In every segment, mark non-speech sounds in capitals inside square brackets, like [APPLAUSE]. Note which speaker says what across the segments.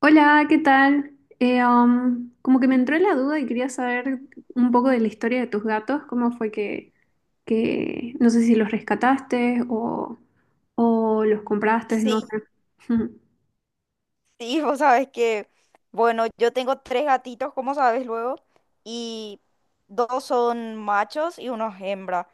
Speaker 1: Hola, ¿qué tal? Como que me entró la duda y quería saber un poco de la historia de tus gatos, cómo fue que no sé si los rescataste o los compraste,
Speaker 2: Sí,
Speaker 1: no sé.
Speaker 2: sí, vos sabes que, bueno, yo tengo tres gatitos, como sabes luego, y dos son machos y uno es hembra.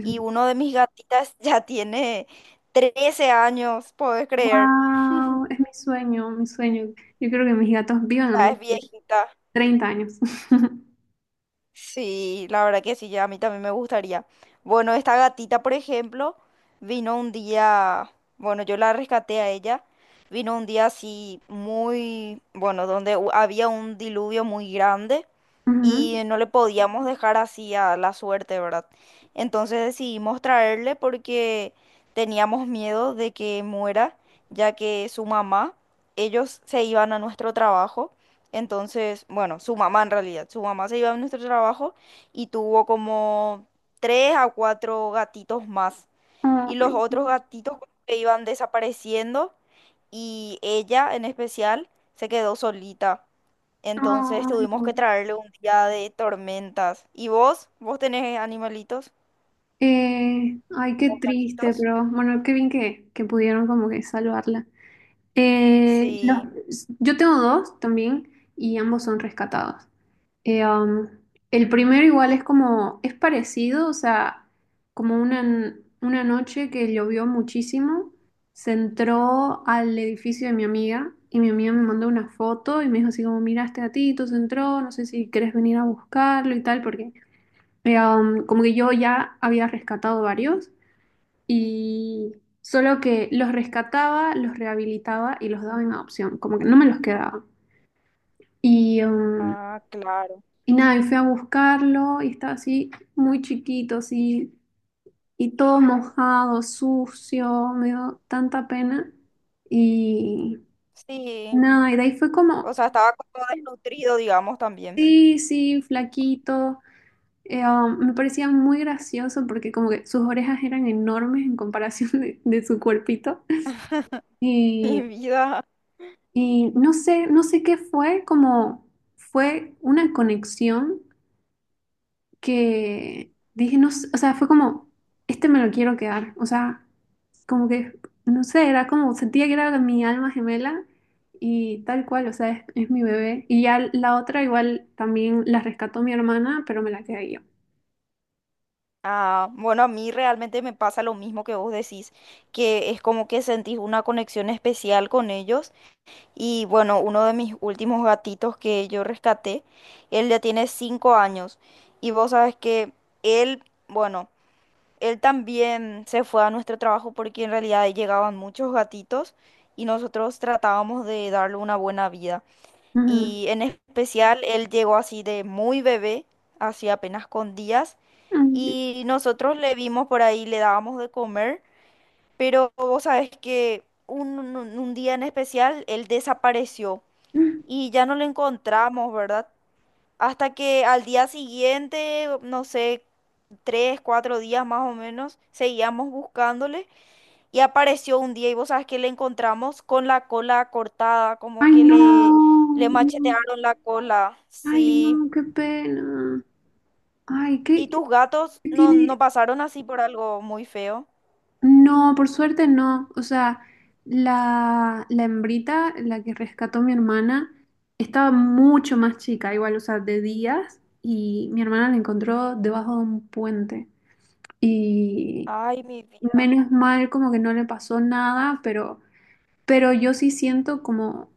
Speaker 2: Y uno de mis gatitas [LAUGHS] ya tiene 13 años, ¿podés creer?
Speaker 1: Wow, es mi sueño, mi sueño. Yo creo que mis gatos vivan,
Speaker 2: Ya
Speaker 1: no
Speaker 2: es
Speaker 1: sé,
Speaker 2: viejita.
Speaker 1: 30 años.
Speaker 2: Sí, la verdad que sí, ya a mí también me gustaría. Bueno, esta gatita, por ejemplo, vino un día, bueno, yo la rescaté a ella, vino un día así muy, bueno, donde había un diluvio muy grande
Speaker 1: [LAUGHS] Ujú.
Speaker 2: y no le podíamos dejar así a la suerte, ¿verdad? Entonces decidimos traerle porque teníamos miedo de que muera, ya que su mamá, ellos se iban a nuestro trabajo entonces, bueno, su mamá en realidad, su mamá se iba a nuestro trabajo y tuvo como tres a cuatro gatitos más. Y los
Speaker 1: Ay,
Speaker 2: otros gatitos como que iban desapareciendo y ella en especial se quedó solita. Entonces
Speaker 1: ay,
Speaker 2: tuvimos
Speaker 1: no.
Speaker 2: que traerle un día de tormentas. ¿Y vos? ¿Vos tenés animalitos
Speaker 1: Ay, qué
Speaker 2: o
Speaker 1: triste,
Speaker 2: gatitos?
Speaker 1: pero bueno, qué bien que pudieron como que salvarla.
Speaker 2: Sí.
Speaker 1: Yo tengo dos también y ambos son rescatados. Eh, um, el primero igual es como, es parecido, o sea, como una, n- una noche que llovió muchísimo, se entró al edificio de mi amiga y mi amiga me mandó una foto y me dijo así como, mira, este gatito se entró, no sé si querés venir a buscarlo y tal, porque como que yo ya había rescatado varios y solo que los rescataba, los rehabilitaba y los daba en adopción, como que no me los quedaba. Y, um,
Speaker 2: Ah, claro.
Speaker 1: y nada, y fui a buscarlo y estaba así muy chiquito, así, y todo mojado, sucio, me dio tanta pena. Y
Speaker 2: Sí.
Speaker 1: nada, y de ahí fue
Speaker 2: O
Speaker 1: como,
Speaker 2: sea, estaba como desnutrido, digamos, también.
Speaker 1: sí, sí, flaquito. Me parecía muy gracioso porque como que sus orejas eran enormes en comparación [LAUGHS] de su cuerpito.
Speaker 2: [LAUGHS]
Speaker 1: Y,
Speaker 2: Mi vida.
Speaker 1: Y no sé, no sé qué fue, como fue una conexión que dije, no, sé, o sea, fue como, este me lo quiero quedar, o sea, como que, no sé, era como, sentía que era mi alma gemela y tal cual, o sea, es mi bebé. Y ya la otra igual también la rescató mi hermana, pero me la quedé yo.
Speaker 2: Ah, bueno, a mí realmente me pasa lo mismo que vos decís, que es como que sentís una conexión especial con ellos. Y bueno, uno de mis últimos gatitos que yo rescaté, él ya tiene cinco años. Y vos sabes que él, bueno, él también se fue a nuestro trabajo porque en realidad llegaban muchos gatitos y nosotros tratábamos de darle una buena vida.
Speaker 1: Ujú.
Speaker 2: Y en especial, él llegó así de muy bebé, así apenas con días
Speaker 1: Mm.
Speaker 2: y nosotros le vimos por ahí, le dábamos de comer, pero vos sabés que un día en especial él desapareció y ya no lo encontramos, ¿verdad? Hasta que al día siguiente, no sé, tres, cuatro días más o menos, seguíamos buscándole y apareció un día y vos sabés que le encontramos con la cola cortada, como
Speaker 1: Ay,
Speaker 2: que
Speaker 1: no,
Speaker 2: le machetearon la cola,
Speaker 1: ay,
Speaker 2: sí.
Speaker 1: no, qué pena. Ay,
Speaker 2: ¿Y
Speaker 1: ¿qué,
Speaker 2: tus gatos
Speaker 1: qué
Speaker 2: no, no
Speaker 1: tiene?
Speaker 2: pasaron así por algo muy feo?
Speaker 1: No, por suerte no. O sea, la hembrita, la que rescató mi hermana, estaba mucho más chica, igual, o sea, de días, y mi hermana la encontró debajo de un puente. Y
Speaker 2: Ay, mi vida,
Speaker 1: menos mal como que no le pasó nada, pero yo sí siento como,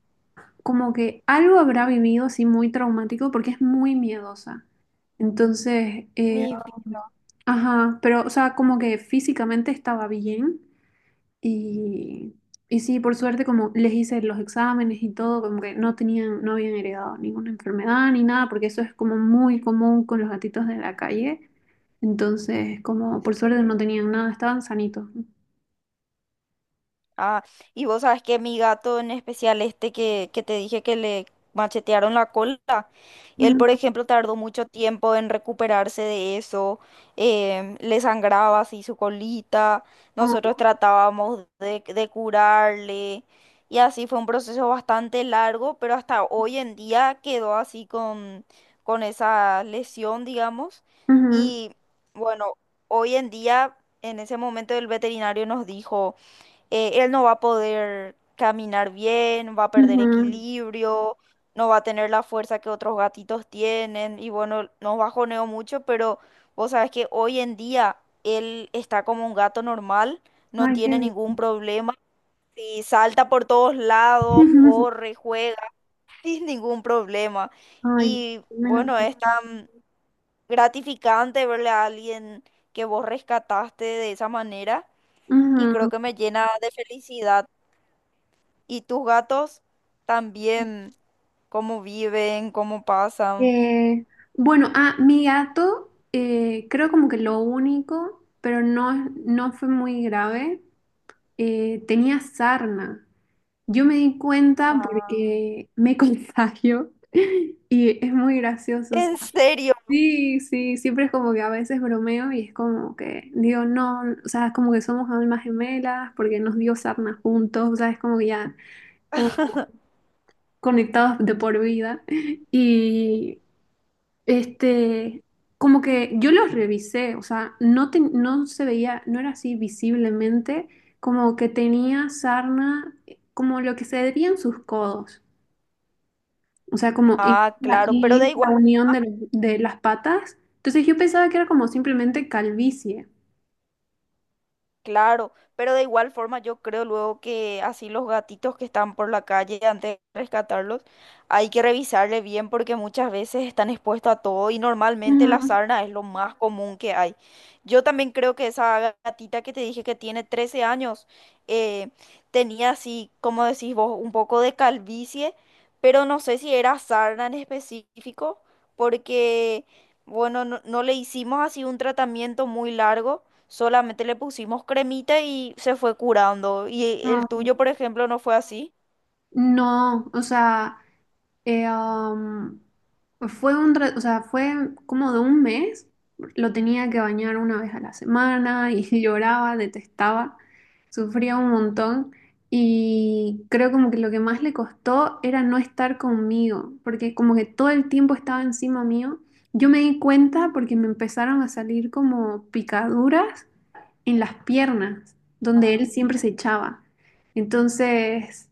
Speaker 1: como que algo habrá vivido así muy traumático porque es muy miedosa. Entonces, eh,
Speaker 2: mi vida.
Speaker 1: ajá, pero, o sea, como que físicamente estaba bien y, y sí, por suerte, como les hice los exámenes y todo, como que no tenían, no habían heredado ninguna enfermedad ni nada, porque eso es como muy común con los gatitos de la calle. Entonces, como por suerte
Speaker 2: Sí.
Speaker 1: no tenían nada, estaban sanitos.
Speaker 2: Ah, y vos sabes que mi gato en especial este que te dije que le machetearon la cola, él por
Speaker 1: Ujú,
Speaker 2: ejemplo tardó mucho tiempo en recuperarse de eso, le sangraba así su colita, nosotros tratábamos de curarle y así fue un proceso bastante largo, pero hasta hoy en día quedó así con esa lesión, digamos,
Speaker 1: ujú,
Speaker 2: y bueno, hoy en día en ese momento el veterinario nos dijo él no va a poder caminar bien, va a perder
Speaker 1: ujú.
Speaker 2: equilibrio, no va a tener la fuerza que otros gatitos tienen y bueno, nos bajoneo mucho, pero vos sabes que hoy en día él está como un gato normal, no
Speaker 1: Ay, qué
Speaker 2: tiene
Speaker 1: bien.
Speaker 2: ningún problema. Y salta por todos lados,
Speaker 1: [LAUGHS]
Speaker 2: corre, juega, [LAUGHS] sin ningún problema.
Speaker 1: Ay,
Speaker 2: Y
Speaker 1: menos
Speaker 2: bueno, es tan gratificante verle a alguien que vos rescataste de esa manera y
Speaker 1: mal.
Speaker 2: creo que
Speaker 1: Ujú.
Speaker 2: me llena de felicidad. ¿Y tus gatos también? ¿Cómo viven? ¿Cómo pasan?
Speaker 1: Eh, bueno, ah, mi gato, creo como que lo único, pero no, no fue muy grave, tenía sarna. Yo me di cuenta
Speaker 2: Ah,
Speaker 1: porque me [LAUGHS] contagio y es muy gracioso. O
Speaker 2: ¿en
Speaker 1: sea,
Speaker 2: serio?
Speaker 1: sí, sí, siempre es como que a veces bromeo y es como que digo, no, o sea, es como que somos almas gemelas porque nos dio sarna juntos, o sea, es como que ya como conectados de por vida. [LAUGHS] Y este, como que yo los revisé, o sea, no, no se veía, no era así visiblemente, como que tenía sarna, como lo que se veía en sus codos, o sea, como en
Speaker 2: Ah, claro, pero da
Speaker 1: en
Speaker 2: igual.
Speaker 1: esa unión de las patas. Entonces yo pensaba que era como simplemente calvicie.
Speaker 2: Claro, pero de igual forma yo creo luego que así los gatitos que están por la calle, antes de rescatarlos, hay que revisarle bien porque muchas veces están expuestos a todo y normalmente la
Speaker 1: Ujú.
Speaker 2: sarna es lo más común que hay. Yo también creo que esa gatita que te dije que tiene 13 años eh, tenía así, como decís vos, un poco de calvicie, pero no sé si era sarna en específico porque, bueno, no le hicimos así un tratamiento muy largo. Solamente le pusimos cremita y se fue curando. Y
Speaker 1: Ah,
Speaker 2: el
Speaker 1: ok.
Speaker 2: tuyo, por ejemplo, no fue así.
Speaker 1: No, o sea, Eh, am, fue un, o sea, fue como de un mes. Lo tenía que bañar una vez a la semana y [LAUGHS] lloraba, detestaba, sufría un montón. Y creo como que lo que más le costó era no estar conmigo, porque como que todo el tiempo estaba encima mío. Yo me di cuenta porque me empezaron a salir como picaduras en las piernas, donde él
Speaker 2: Ah.
Speaker 1: siempre se echaba. Entonces...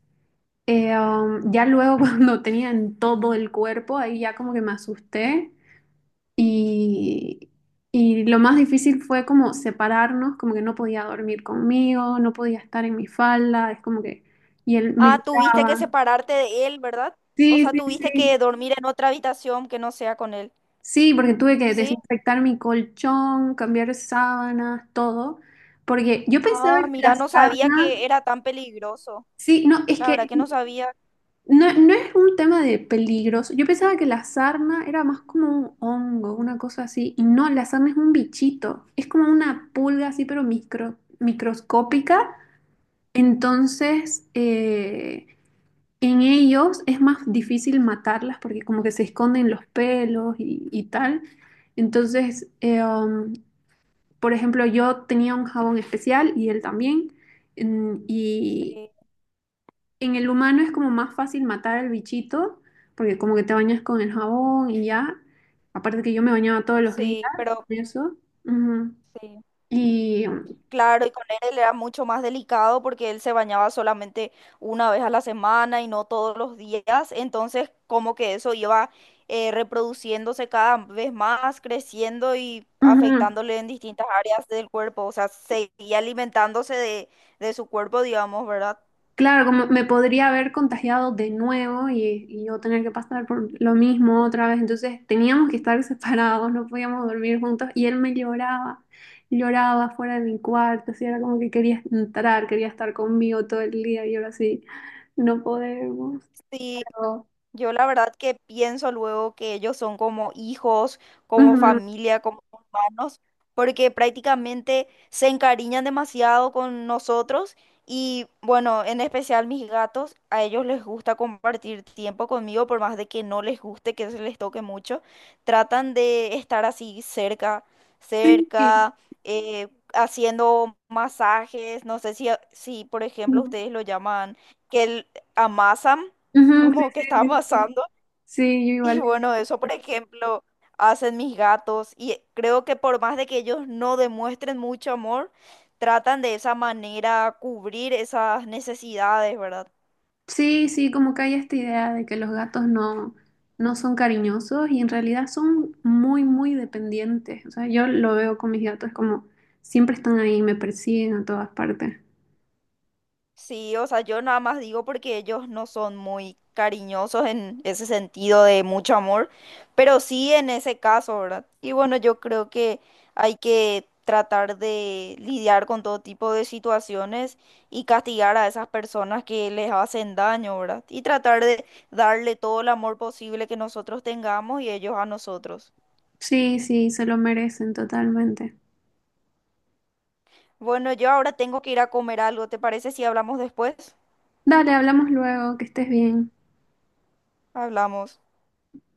Speaker 1: Ya luego [LAUGHS] cuando tenía en todo el cuerpo, ahí ya como que me asusté y, y lo más difícil fue como separarnos, como que no podía dormir conmigo, no podía estar en mi falda, es como que, y él me
Speaker 2: Ah, tuviste que
Speaker 1: gritaba.
Speaker 2: separarte de él, ¿verdad? O
Speaker 1: Sí,
Speaker 2: sea,
Speaker 1: sí,
Speaker 2: tuviste
Speaker 1: sí.
Speaker 2: que dormir en otra habitación que no sea con él.
Speaker 1: Sí, porque tuve que
Speaker 2: ¿Sí?
Speaker 1: desinfectar mi colchón, cambiar sábanas, todo, porque yo pensaba
Speaker 2: Ah,
Speaker 1: que la
Speaker 2: mira, no sabía
Speaker 1: sarna,
Speaker 2: que era tan peligroso.
Speaker 1: sí, no, es
Speaker 2: La verdad
Speaker 1: que
Speaker 2: que no sabía.
Speaker 1: no, no es un tema de peligros. Yo pensaba que la sarna era más como un hongo, una cosa así. Y no, la sarna es un bichito. Es como una pulga así, pero microscópica. Entonces, eh, en ellos es más difícil matarlas porque como que se esconden los pelos y tal. Entonces, eh, um, por ejemplo, yo tenía un jabón especial y él también. Mm, y
Speaker 2: Sí,
Speaker 1: en el humano es como más fácil matar al bichito, porque como que te bañas con el jabón y ya. Aparte que yo me bañaba todos los días
Speaker 2: sí,
Speaker 1: con
Speaker 2: pero
Speaker 1: eso. Ujú.
Speaker 2: sí.
Speaker 1: Y
Speaker 2: Claro, y con él era mucho más delicado porque él se bañaba solamente una vez a la semana y no todos los días, entonces como que eso iba reproduciéndose cada vez más, creciendo y
Speaker 1: ujú.
Speaker 2: afectándole en distintas áreas del cuerpo, o sea, seguía alimentándose de su cuerpo, digamos, ¿verdad?
Speaker 1: Claro, como me podría haber contagiado de nuevo y yo tener que pasar por lo mismo otra vez. Entonces teníamos que estar [LAUGHS] separados, no podíamos dormir juntos. Y él me lloraba, lloraba fuera de mi cuarto. Así era como que quería entrar, quería estar conmigo todo el día y ahora sí, no podemos.
Speaker 2: Sí,
Speaker 1: Pero,
Speaker 2: yo la verdad que pienso luego que ellos son como hijos, como
Speaker 1: ujú.
Speaker 2: familia, como hermanos, porque prácticamente se encariñan demasiado con nosotros y bueno, en especial mis gatos, a ellos les gusta compartir tiempo conmigo, por más de que no les guste, que se les toque mucho, tratan de estar así cerca,
Speaker 1: Sí,
Speaker 2: cerca, eh, haciendo masajes, no sé si, si por ejemplo
Speaker 1: ujú,
Speaker 2: ustedes lo llaman, que amasan
Speaker 1: sí,
Speaker 2: como que está
Speaker 1: sí, sí, sí,
Speaker 2: pasando.
Speaker 1: sí, yo
Speaker 2: Y
Speaker 1: igual.
Speaker 2: bueno, eso, por ejemplo, hacen mis gatos y creo que por más de que ellos no demuestren mucho amor, tratan de esa manera cubrir esas necesidades, ¿verdad?
Speaker 1: Sí, sí, como que hay esta idea de que los gatos no, no son cariñosos y en realidad son muy, muy dependientes. O sea, yo lo veo con mis gatos como siempre están ahí, me persiguen a todas partes.
Speaker 2: Sí, o sea, yo nada más digo porque ellos no son muy cariñosos en ese sentido de mucho amor, pero sí en ese caso, ¿verdad? Y bueno, yo creo que hay que tratar de lidiar con todo tipo de situaciones y castigar a esas personas que les hacen daño, ¿verdad? Y tratar de darle todo el amor posible que nosotros tengamos y ellos a nosotros.
Speaker 1: Sí, sí, se lo merecen totalmente.
Speaker 2: Bueno, yo ahora tengo que ir a comer algo, ¿te parece si hablamos después?
Speaker 1: Dale, hablamos luego, que estés bien.
Speaker 2: Hablamos.